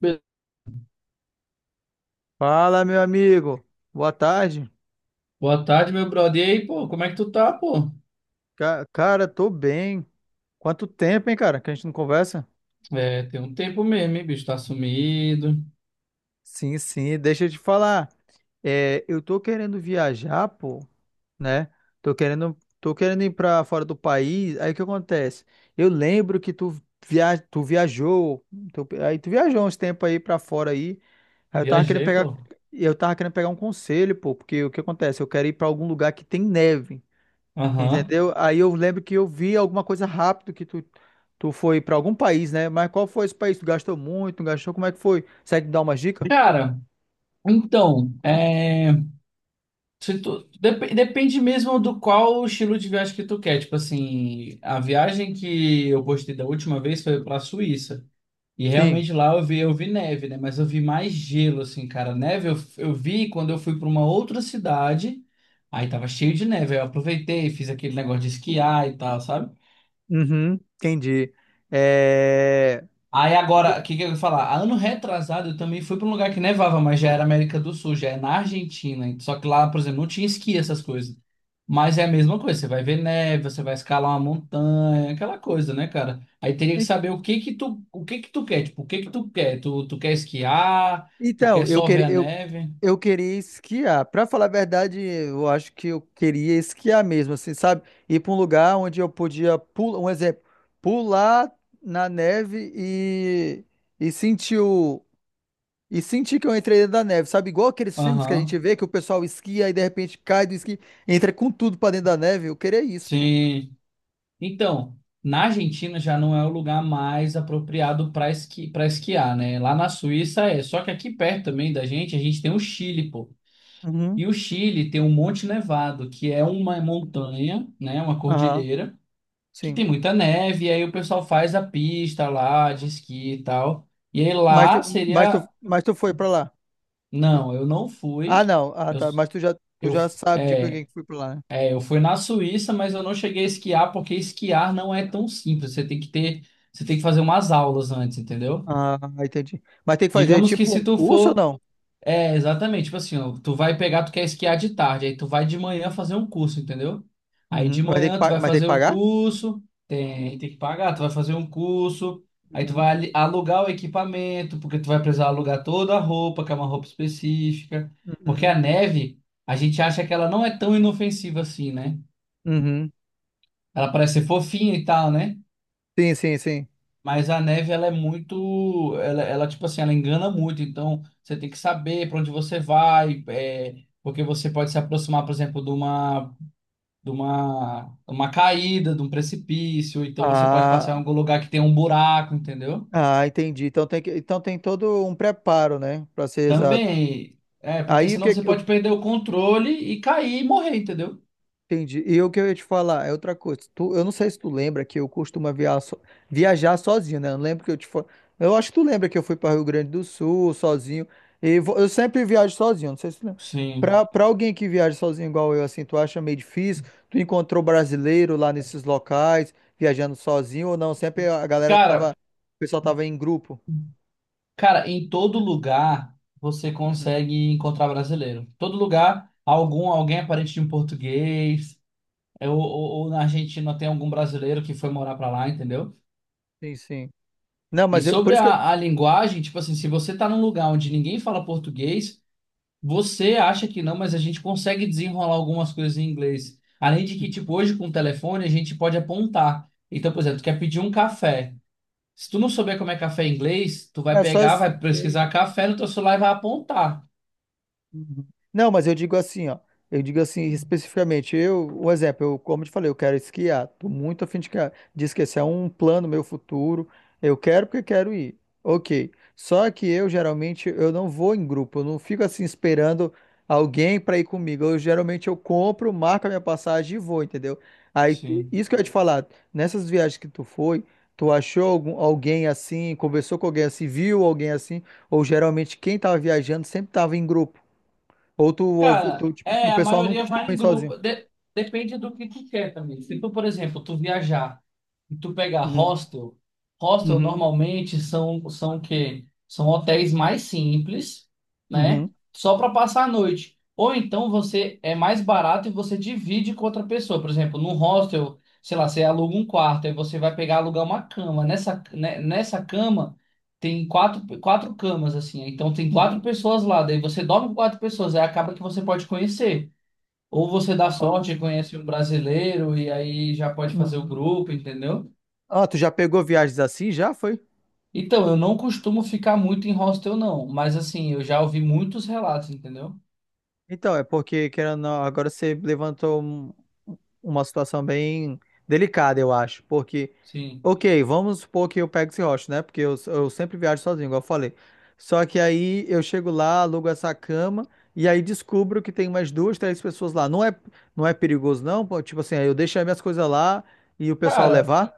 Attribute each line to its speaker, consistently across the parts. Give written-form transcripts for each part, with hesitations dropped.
Speaker 1: Be-
Speaker 2: Fala, meu amigo. Boa tarde.
Speaker 1: Boa tarde, meu brother. E aí, pô, como é que tu tá, pô?
Speaker 2: Cara, tô bem. Quanto tempo, hein, cara, que a gente não conversa?
Speaker 1: É, tem um tempo mesmo, hein, bicho? Tá sumido.
Speaker 2: Sim, sim, deixa eu te falar. É, eu tô querendo viajar, pô, né? Tô querendo ir pra fora do país. Aí o que acontece? Eu lembro que tu, via, tu viajou, tu- aí tu viajou uns tempos aí pra fora aí. Aí eu tava querendo
Speaker 1: Viajei,
Speaker 2: pegar,
Speaker 1: pô.
Speaker 2: eu tava querendo pegar um conselho, pô, porque o que acontece? Eu quero ir pra algum lugar que tem neve.
Speaker 1: Aham.
Speaker 2: Entendeu? Aí eu lembro que eu vi alguma coisa rápido que tu foi para algum país, né? Mas qual foi esse país? Tu gastou muito, não gastou? Como é que foi? Consegue dar uma dica?
Speaker 1: Cara, então, é, se tu- dep- depende mesmo do qual estilo de viagem que tu quer. Tipo assim, a viagem que eu postei da última vez foi pra Suíça. E
Speaker 2: Sim.
Speaker 1: realmente lá eu vi neve, né? Mas eu vi mais gelo, assim, cara. Neve eu vi quando eu fui pra uma outra cidade. Aí tava cheio de neve. Aí eu aproveitei, fiz aquele negócio de esquiar e tal, sabe?
Speaker 2: Uhum, entendi. É,
Speaker 1: Aí agora, o que que eu ia falar? Ano retrasado eu também fui para um lugar que nevava, mas já era América do Sul, já é na Argentina. Só que lá, por exemplo, não tinha esqui, essas coisas. Mas é a mesma coisa, você vai ver neve, você vai escalar uma montanha, aquela coisa, né, cara? Aí teria que
Speaker 2: e-
Speaker 1: saber o que que tu, o que que tu quer, tipo, o que que tu quer? Tu quer esquiar? Tu
Speaker 2: então,
Speaker 1: quer
Speaker 2: eu
Speaker 1: só ver
Speaker 2: queria,
Speaker 1: a
Speaker 2: eu,
Speaker 1: neve?
Speaker 2: eu queria esquiar. Pra falar a verdade, eu acho que eu queria esquiar mesmo, assim, sabe? Ir pra um lugar onde eu podia pular, um exemplo, pular na neve. E sentir o, E senti que eu entrei dentro da neve, sabe? Igual aqueles filmes que a gente
Speaker 1: Aham.
Speaker 2: vê que o pessoal esquia e de repente cai do esqui, entra com tudo pra dentro da neve. Eu queria isso, pô.
Speaker 1: Sim. Então, na Argentina já não é o lugar mais apropriado para esqui, para esquiar, né? Lá na Suíça é. Só que aqui perto também da gente, a gente tem o Chile, pô.
Speaker 2: Uhum.
Speaker 1: E o Chile tem o Monte Nevado, que é uma montanha, né? Uma
Speaker 2: Aham,
Speaker 1: cordilheira, que
Speaker 2: sim.
Speaker 1: tem muita neve, e aí o pessoal faz a pista lá de esqui e tal. E aí
Speaker 2: Mas tu,
Speaker 1: lá
Speaker 2: mas tu,
Speaker 1: seria.
Speaker 2: mas tu foi pra lá.
Speaker 1: Não, eu não fui.
Speaker 2: Ah, não. Ah,
Speaker 1: Eu,
Speaker 2: tá. Mas tu já, tu
Speaker 1: eu,
Speaker 2: já sabe de quem que foi pra lá, né?
Speaker 1: Eu fui na Suíça, mas eu não cheguei a esquiar porque esquiar não é tão simples. Você tem que fazer umas aulas antes, entendeu?
Speaker 2: Ah, entendi. Mas tem que fazer
Speaker 1: Digamos que
Speaker 2: tipo
Speaker 1: se
Speaker 2: um
Speaker 1: tu
Speaker 2: curso ou
Speaker 1: for,
Speaker 2: não?
Speaker 1: é exatamente, tipo assim, ó, tu vai pegar, tu quer esquiar de tarde, aí tu vai de manhã fazer um curso, entendeu? Aí
Speaker 2: Uhum.
Speaker 1: de
Speaker 2: Mas tem que,
Speaker 1: manhã tu
Speaker 2: pa-
Speaker 1: vai
Speaker 2: mas tem que
Speaker 1: fazer um
Speaker 2: pagar?
Speaker 1: curso, tem que pagar, tu vai fazer um curso, aí
Speaker 2: Uhum.
Speaker 1: alugar o equipamento, porque tu vai precisar alugar toda a roupa, que é uma roupa específica, porque
Speaker 2: Uhum.
Speaker 1: a neve, a gente acha que ela não é tão inofensiva assim, né?
Speaker 2: Uhum.
Speaker 1: Ela parece ser fofinha e tal, né?
Speaker 2: Sim, sim, sim.
Speaker 1: Mas a neve, ela é muito. Tipo assim, ela engana muito. Então, você tem que saber para onde você vai, é, porque você pode se aproximar, por exemplo, uma caída, de um precipício. Então, você pode passar
Speaker 2: Ah,
Speaker 1: em algum lugar que tem um buraco, entendeu?
Speaker 2: ah, entendi. Então tem todo um preparo, né? Pra ser exato.
Speaker 1: Também. É, porque
Speaker 2: Aí o
Speaker 1: senão
Speaker 2: que,
Speaker 1: você
Speaker 2: o
Speaker 1: pode perder o controle e cair e morrer, entendeu?
Speaker 2: Entendi. E o que eu ia te falar é outra coisa. Eu não sei se tu lembra que eu costumo viajar sozinho, né? Eu acho que tu lembra que eu fui para Rio Grande do Sul sozinho. Eu sempre viajo sozinho, não sei se tu lembra.
Speaker 1: Sim.
Speaker 2: Pra alguém que viaja sozinho igual eu, assim, tu acha meio difícil? Tu encontrou brasileiro lá nesses locais, viajando sozinho ou não? Sempre a galera tava.
Speaker 1: Cara,
Speaker 2: O pessoal tava em grupo.
Speaker 1: Em todo lugar você
Speaker 2: Uhum.
Speaker 1: consegue encontrar brasileiro. Todo lugar, algum, alguém é parente de um português, é, ou na Argentina tem algum brasileiro que foi morar pra lá, entendeu?
Speaker 2: Sim, sim. Não,
Speaker 1: E
Speaker 2: por
Speaker 1: sobre
Speaker 2: isso que eu.
Speaker 1: a linguagem, tipo assim, se você tá num lugar onde ninguém fala português, você acha que não, mas a gente consegue desenrolar algumas coisas em inglês. Além de que, tipo, hoje com o telefone a gente pode apontar. Então, por exemplo, tu quer pedir um café. Se tu não souber como é café em inglês, tu vai
Speaker 2: É só.
Speaker 1: pegar,
Speaker 2: Isso.
Speaker 1: vai pesquisar café no teu celular e vai apontar.
Speaker 2: Uhum. Não, mas eu digo assim, ó. Eu digo assim especificamente, um exemplo, como eu te falei, eu quero esquiar. Tô muito afim de esquiar. É um plano meu futuro. Eu quero porque quero ir. Ok. Só que eu geralmente eu não vou em grupo, eu não fico assim esperando alguém para ir comigo. Eu geralmente eu compro, marco a minha passagem e vou, entendeu? Aí
Speaker 1: Sim.
Speaker 2: isso que eu ia te falar, nessas viagens que tu foi, tu achou algum, alguém assim, conversou com alguém assim, viu alguém assim, ou geralmente quem tava viajando sempre tava em grupo. Ou
Speaker 1: Cara,
Speaker 2: tipo assim,
Speaker 1: é,
Speaker 2: o
Speaker 1: a
Speaker 2: pessoal não
Speaker 1: maioria vai
Speaker 2: costuma
Speaker 1: em
Speaker 2: ir sozinho.
Speaker 1: grupo. Depende do que tu quer também. Se tu, por exemplo, tu viajar e tu pegar
Speaker 2: Uhum,
Speaker 1: hostel, hostel
Speaker 2: uhum,
Speaker 1: normalmente são o quê? São hotéis mais simples, né?
Speaker 2: uhum,
Speaker 1: Só para passar a noite. Ou então você é mais barato e você divide com outra pessoa. Por exemplo, num hostel, sei lá, você aluga um quarto, aí você vai pegar alugar uma cama. Nessa, né, nessa cama. Tem quatro camas, assim, né? Então tem quatro
Speaker 2: uhum.
Speaker 1: pessoas lá. Daí você dorme com quatro pessoas. Aí acaba que você pode conhecer. Ou você dá
Speaker 2: Ah,
Speaker 1: sorte e conhece um brasileiro e aí já pode fazer o
Speaker 2: uhum.
Speaker 1: grupo, entendeu?
Speaker 2: Ah, tu já pegou viagens assim? Já foi?
Speaker 1: Então, eu não costumo ficar muito em hostel, não. Mas, assim, eu já ouvi muitos relatos, entendeu?
Speaker 2: Então, é porque, querendo ou não, agora você levantou uma situação bem delicada, eu acho. Porque,
Speaker 1: Sim.
Speaker 2: ok, vamos supor que eu pego esse rosto, né? Porque eu sempre viajo sozinho, igual eu falei. Só que aí eu chego lá, alugo essa cama, e aí descubro que tem umas duas, três pessoas lá. Não é perigoso, não? Pô, tipo assim, aí eu deixo as minhas coisas lá. E o pessoal
Speaker 1: Cara,
Speaker 2: levar?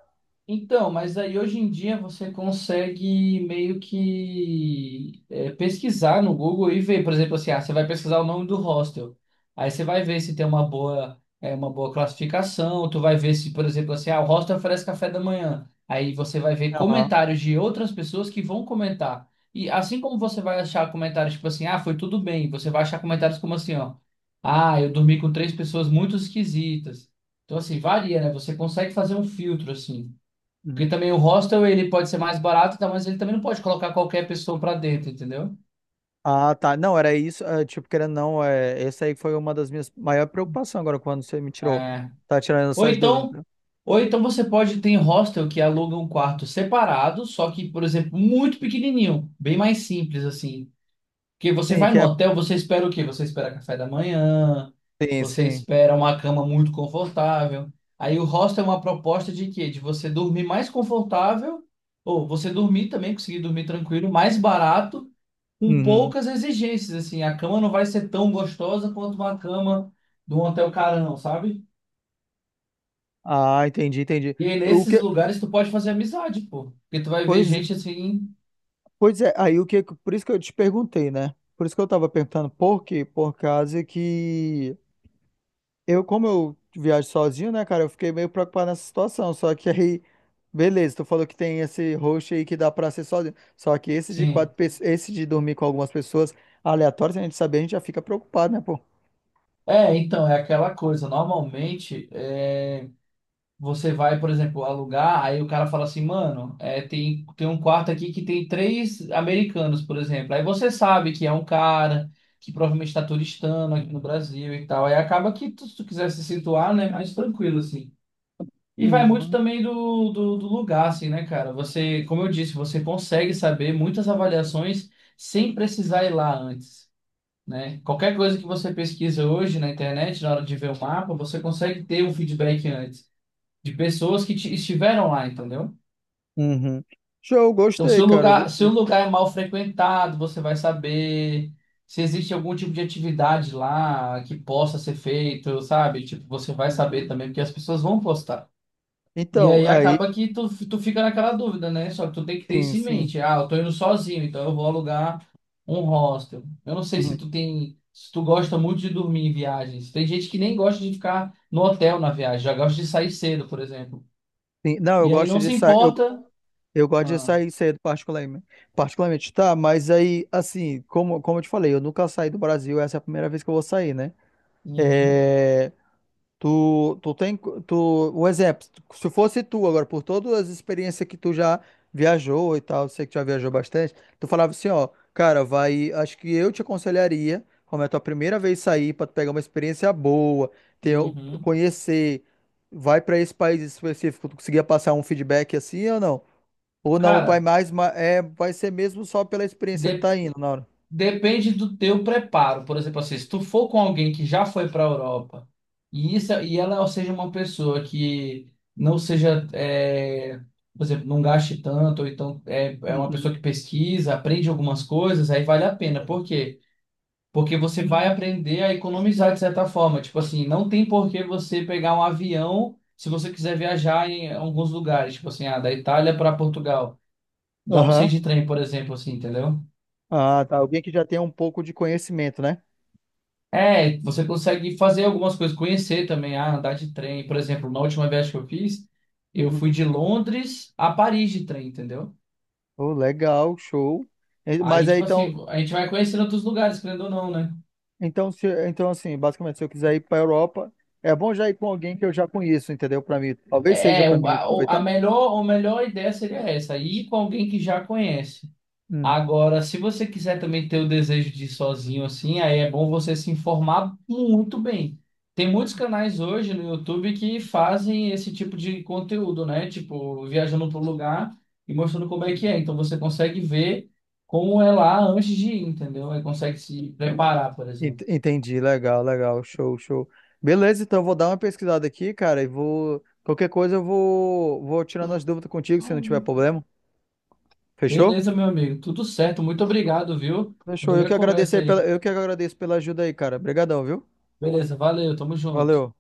Speaker 1: então, mas aí hoje em dia você consegue meio que é, pesquisar no Google e ver, por exemplo, assim, ah, você vai pesquisar o nome do hostel. Aí você vai ver se tem uma boa classificação, tu vai ver se, por exemplo, assim, ah, o hostel oferece café da manhã. Aí você vai ver
Speaker 2: Aham.
Speaker 1: comentários de outras pessoas que vão comentar. E assim como você vai achar comentários tipo assim, ah, foi tudo bem, você vai achar comentários como assim, ó, ah, eu dormi com três pessoas muito esquisitas. Então, assim, varia, né? Você consegue fazer um filtro, assim.
Speaker 2: Uhum.
Speaker 1: Porque também o hostel ele pode ser mais barato, tá? Mas ele também não pode colocar qualquer pessoa pra dentro, entendeu?
Speaker 2: Ah, tá. Não, era isso. É, tipo, querendo ou não, é, essa aí foi uma das minhas maiores preocupações agora quando você me tirou.
Speaker 1: É.
Speaker 2: Tá tirando
Speaker 1: Ou
Speaker 2: essas dúvidas,
Speaker 1: então,
Speaker 2: né?
Speaker 1: ou então você pode ter hostel que aluga um quarto separado, só que, por exemplo, muito pequenininho, bem mais simples assim. Porque você
Speaker 2: Sim,
Speaker 1: vai
Speaker 2: que
Speaker 1: no
Speaker 2: é.
Speaker 1: hotel, você espera o quê? Você espera café da manhã,
Speaker 2: Sim,
Speaker 1: você
Speaker 2: sim.
Speaker 1: espera uma cama muito confortável. Aí o hostel é uma proposta de quê? De você dormir mais confortável, ou você dormir também, conseguir dormir tranquilo, mais barato com
Speaker 2: Uhum.
Speaker 1: poucas exigências, assim. A cama não vai ser tão gostosa quanto uma cama de um hotel carão, sabe?
Speaker 2: Ah, entendi, entendi.
Speaker 1: E aí,
Speaker 2: O
Speaker 1: nesses
Speaker 2: que...
Speaker 1: lugares, tu pode fazer amizade, pô. Porque tu vai ver
Speaker 2: Pois
Speaker 1: gente assim,
Speaker 2: Pois é, aí o que, por isso que eu te perguntei, né? Por isso que eu tava perguntando por quê? Por causa que eu, como eu viajo sozinho, né, cara, eu fiquei meio preocupado nessa situação. Só que aí, beleza, tu falou que tem esse host aí que dá pra ser sozinho. Só que esse de quatro
Speaker 1: sim.
Speaker 2: pessoas, esse de dormir com algumas pessoas aleatórias, se a gente saber, a gente já fica preocupado, né, pô?
Speaker 1: É, então, é aquela coisa. Normalmente, é, você vai, por exemplo, alugar, aí o cara fala assim, mano, é, tem um quarto aqui que tem três americanos, por exemplo. Aí você sabe que é um cara que provavelmente está turistando aqui no Brasil e tal. Aí acaba que, se tu quiser se situar, né, mais tranquilo, assim. E vai muito
Speaker 2: Uhum.
Speaker 1: também do lugar, assim, né, cara? Você, como eu disse, você consegue saber muitas avaliações sem precisar ir lá antes, né? Qualquer coisa que você pesquisa hoje na internet, na hora de ver o mapa, você consegue ter um feedback antes de pessoas que estiveram lá, entendeu?
Speaker 2: Uhum. Show,
Speaker 1: Então, se
Speaker 2: gostei,
Speaker 1: o
Speaker 2: cara.
Speaker 1: lugar, se o lugar é mal frequentado, você vai saber se existe algum tipo de atividade lá que possa ser feito, sabe? Tipo, você vai saber
Speaker 2: Uhum.
Speaker 1: também, porque as pessoas vão postar. E
Speaker 2: Então,
Speaker 1: aí
Speaker 2: aí,
Speaker 1: acaba que tu, tu fica naquela dúvida, né? Só que tu tem que ter
Speaker 2: sim,
Speaker 1: isso em
Speaker 2: sim.
Speaker 1: mente. Ah, eu tô indo sozinho, então eu vou alugar um hostel. Eu não sei se
Speaker 2: Uhum.
Speaker 1: tu tem, se tu gosta muito de dormir em viagens. Tem gente que nem gosta de ficar no hotel na viagem, já gosta de sair cedo, por exemplo.
Speaker 2: Sim, não, eu
Speaker 1: E aí
Speaker 2: gosto
Speaker 1: não
Speaker 2: de
Speaker 1: se
Speaker 2: sair. Eu,
Speaker 1: importa.
Speaker 2: eu gosto de
Speaker 1: Ah,
Speaker 2: sair cedo, particularmente. Particularmente, tá? Mas aí, assim, como eu te falei, eu nunca saí do Brasil, essa é a primeira vez que eu vou sair, né?
Speaker 1: uhum,
Speaker 2: É, Tu, tu tem, tu, o exemplo, se fosse tu agora, por todas as experiências que tu já viajou e tal, sei que tu já viajou bastante, tu falava assim, ó, cara, vai, acho que eu te aconselharia, como é a tua primeira vez sair, pra tu pegar uma experiência boa, ter,
Speaker 1: uhum.
Speaker 2: conhecer, vai pra esse país específico, tu conseguia passar um feedback assim ou não? Ou não, vai
Speaker 1: Cara,
Speaker 2: mais, é, vai ser mesmo só pela experiência que
Speaker 1: de-
Speaker 2: tá indo na hora.
Speaker 1: depende do teu preparo. Por exemplo, assim, se tu for com alguém que já foi para a Europa e isso e ela seja uma pessoa que não seja, é, por exemplo, não gaste tanto, ou então é, é uma
Speaker 2: Uhum.
Speaker 1: pessoa que pesquisa, aprende algumas coisas, aí vale a pena.
Speaker 2: Sim.
Speaker 1: Por quê? Porque você vai aprender a economizar de certa forma. Tipo assim, não tem por que você pegar um avião se você quiser viajar em alguns lugares, tipo assim, ah, da Itália para Portugal. Dá pra você ir
Speaker 2: Aham.
Speaker 1: de trem, por exemplo, assim, entendeu?
Speaker 2: Ah, tá, alguém que já tem um pouco de conhecimento, né?
Speaker 1: É, você consegue fazer algumas coisas, conhecer também, ah, andar de trem. Por exemplo, na última viagem que eu fiz, eu
Speaker 2: Uhum.
Speaker 1: fui de Londres a Paris de trem, entendeu?
Speaker 2: Oh, legal, show.
Speaker 1: Aí,
Speaker 2: Mas aí
Speaker 1: tipo
Speaker 2: então,
Speaker 1: assim, a gente vai conhecendo outros lugares, querendo ou não, né?
Speaker 2: então, se, então assim, basicamente, se eu quiser ir para a Europa, é bom já ir com alguém que eu já conheço, entendeu? Para mim, talvez seja
Speaker 1: É, é,
Speaker 2: para mim
Speaker 1: o-
Speaker 2: aproveitar.
Speaker 1: a melhor ideia seria essa, ir com alguém que já conhece.
Speaker 2: Hum.
Speaker 1: Agora, se você quiser também ter o desejo de ir sozinho assim, aí é bom você se informar muito bem. Tem muitos canais hoje no YouTube que fazem esse tipo de conteúdo, né? Tipo, viajando para o lugar e mostrando como é que é. Então você consegue ver como é lá antes de ir, entendeu? Aí consegue se preparar, por exemplo.
Speaker 2: Entendi, legal, legal, show, show. Beleza, então eu vou dar uma pesquisada aqui, cara, e vou. Qualquer coisa eu vou tirando as dúvidas contigo, se não tiver problema. Fechou?
Speaker 1: Beleza, meu amigo. Tudo certo. Muito obrigado, viu?
Speaker 2: Fechou. Eu
Speaker 1: Adorei
Speaker 2: que
Speaker 1: a
Speaker 2: agradeço
Speaker 1: conversa
Speaker 2: aí
Speaker 1: aí.
Speaker 2: pela, eu que agradeço pela ajuda aí, cara. Obrigadão, viu?
Speaker 1: Beleza, valeu. Tamo junto.
Speaker 2: Valeu.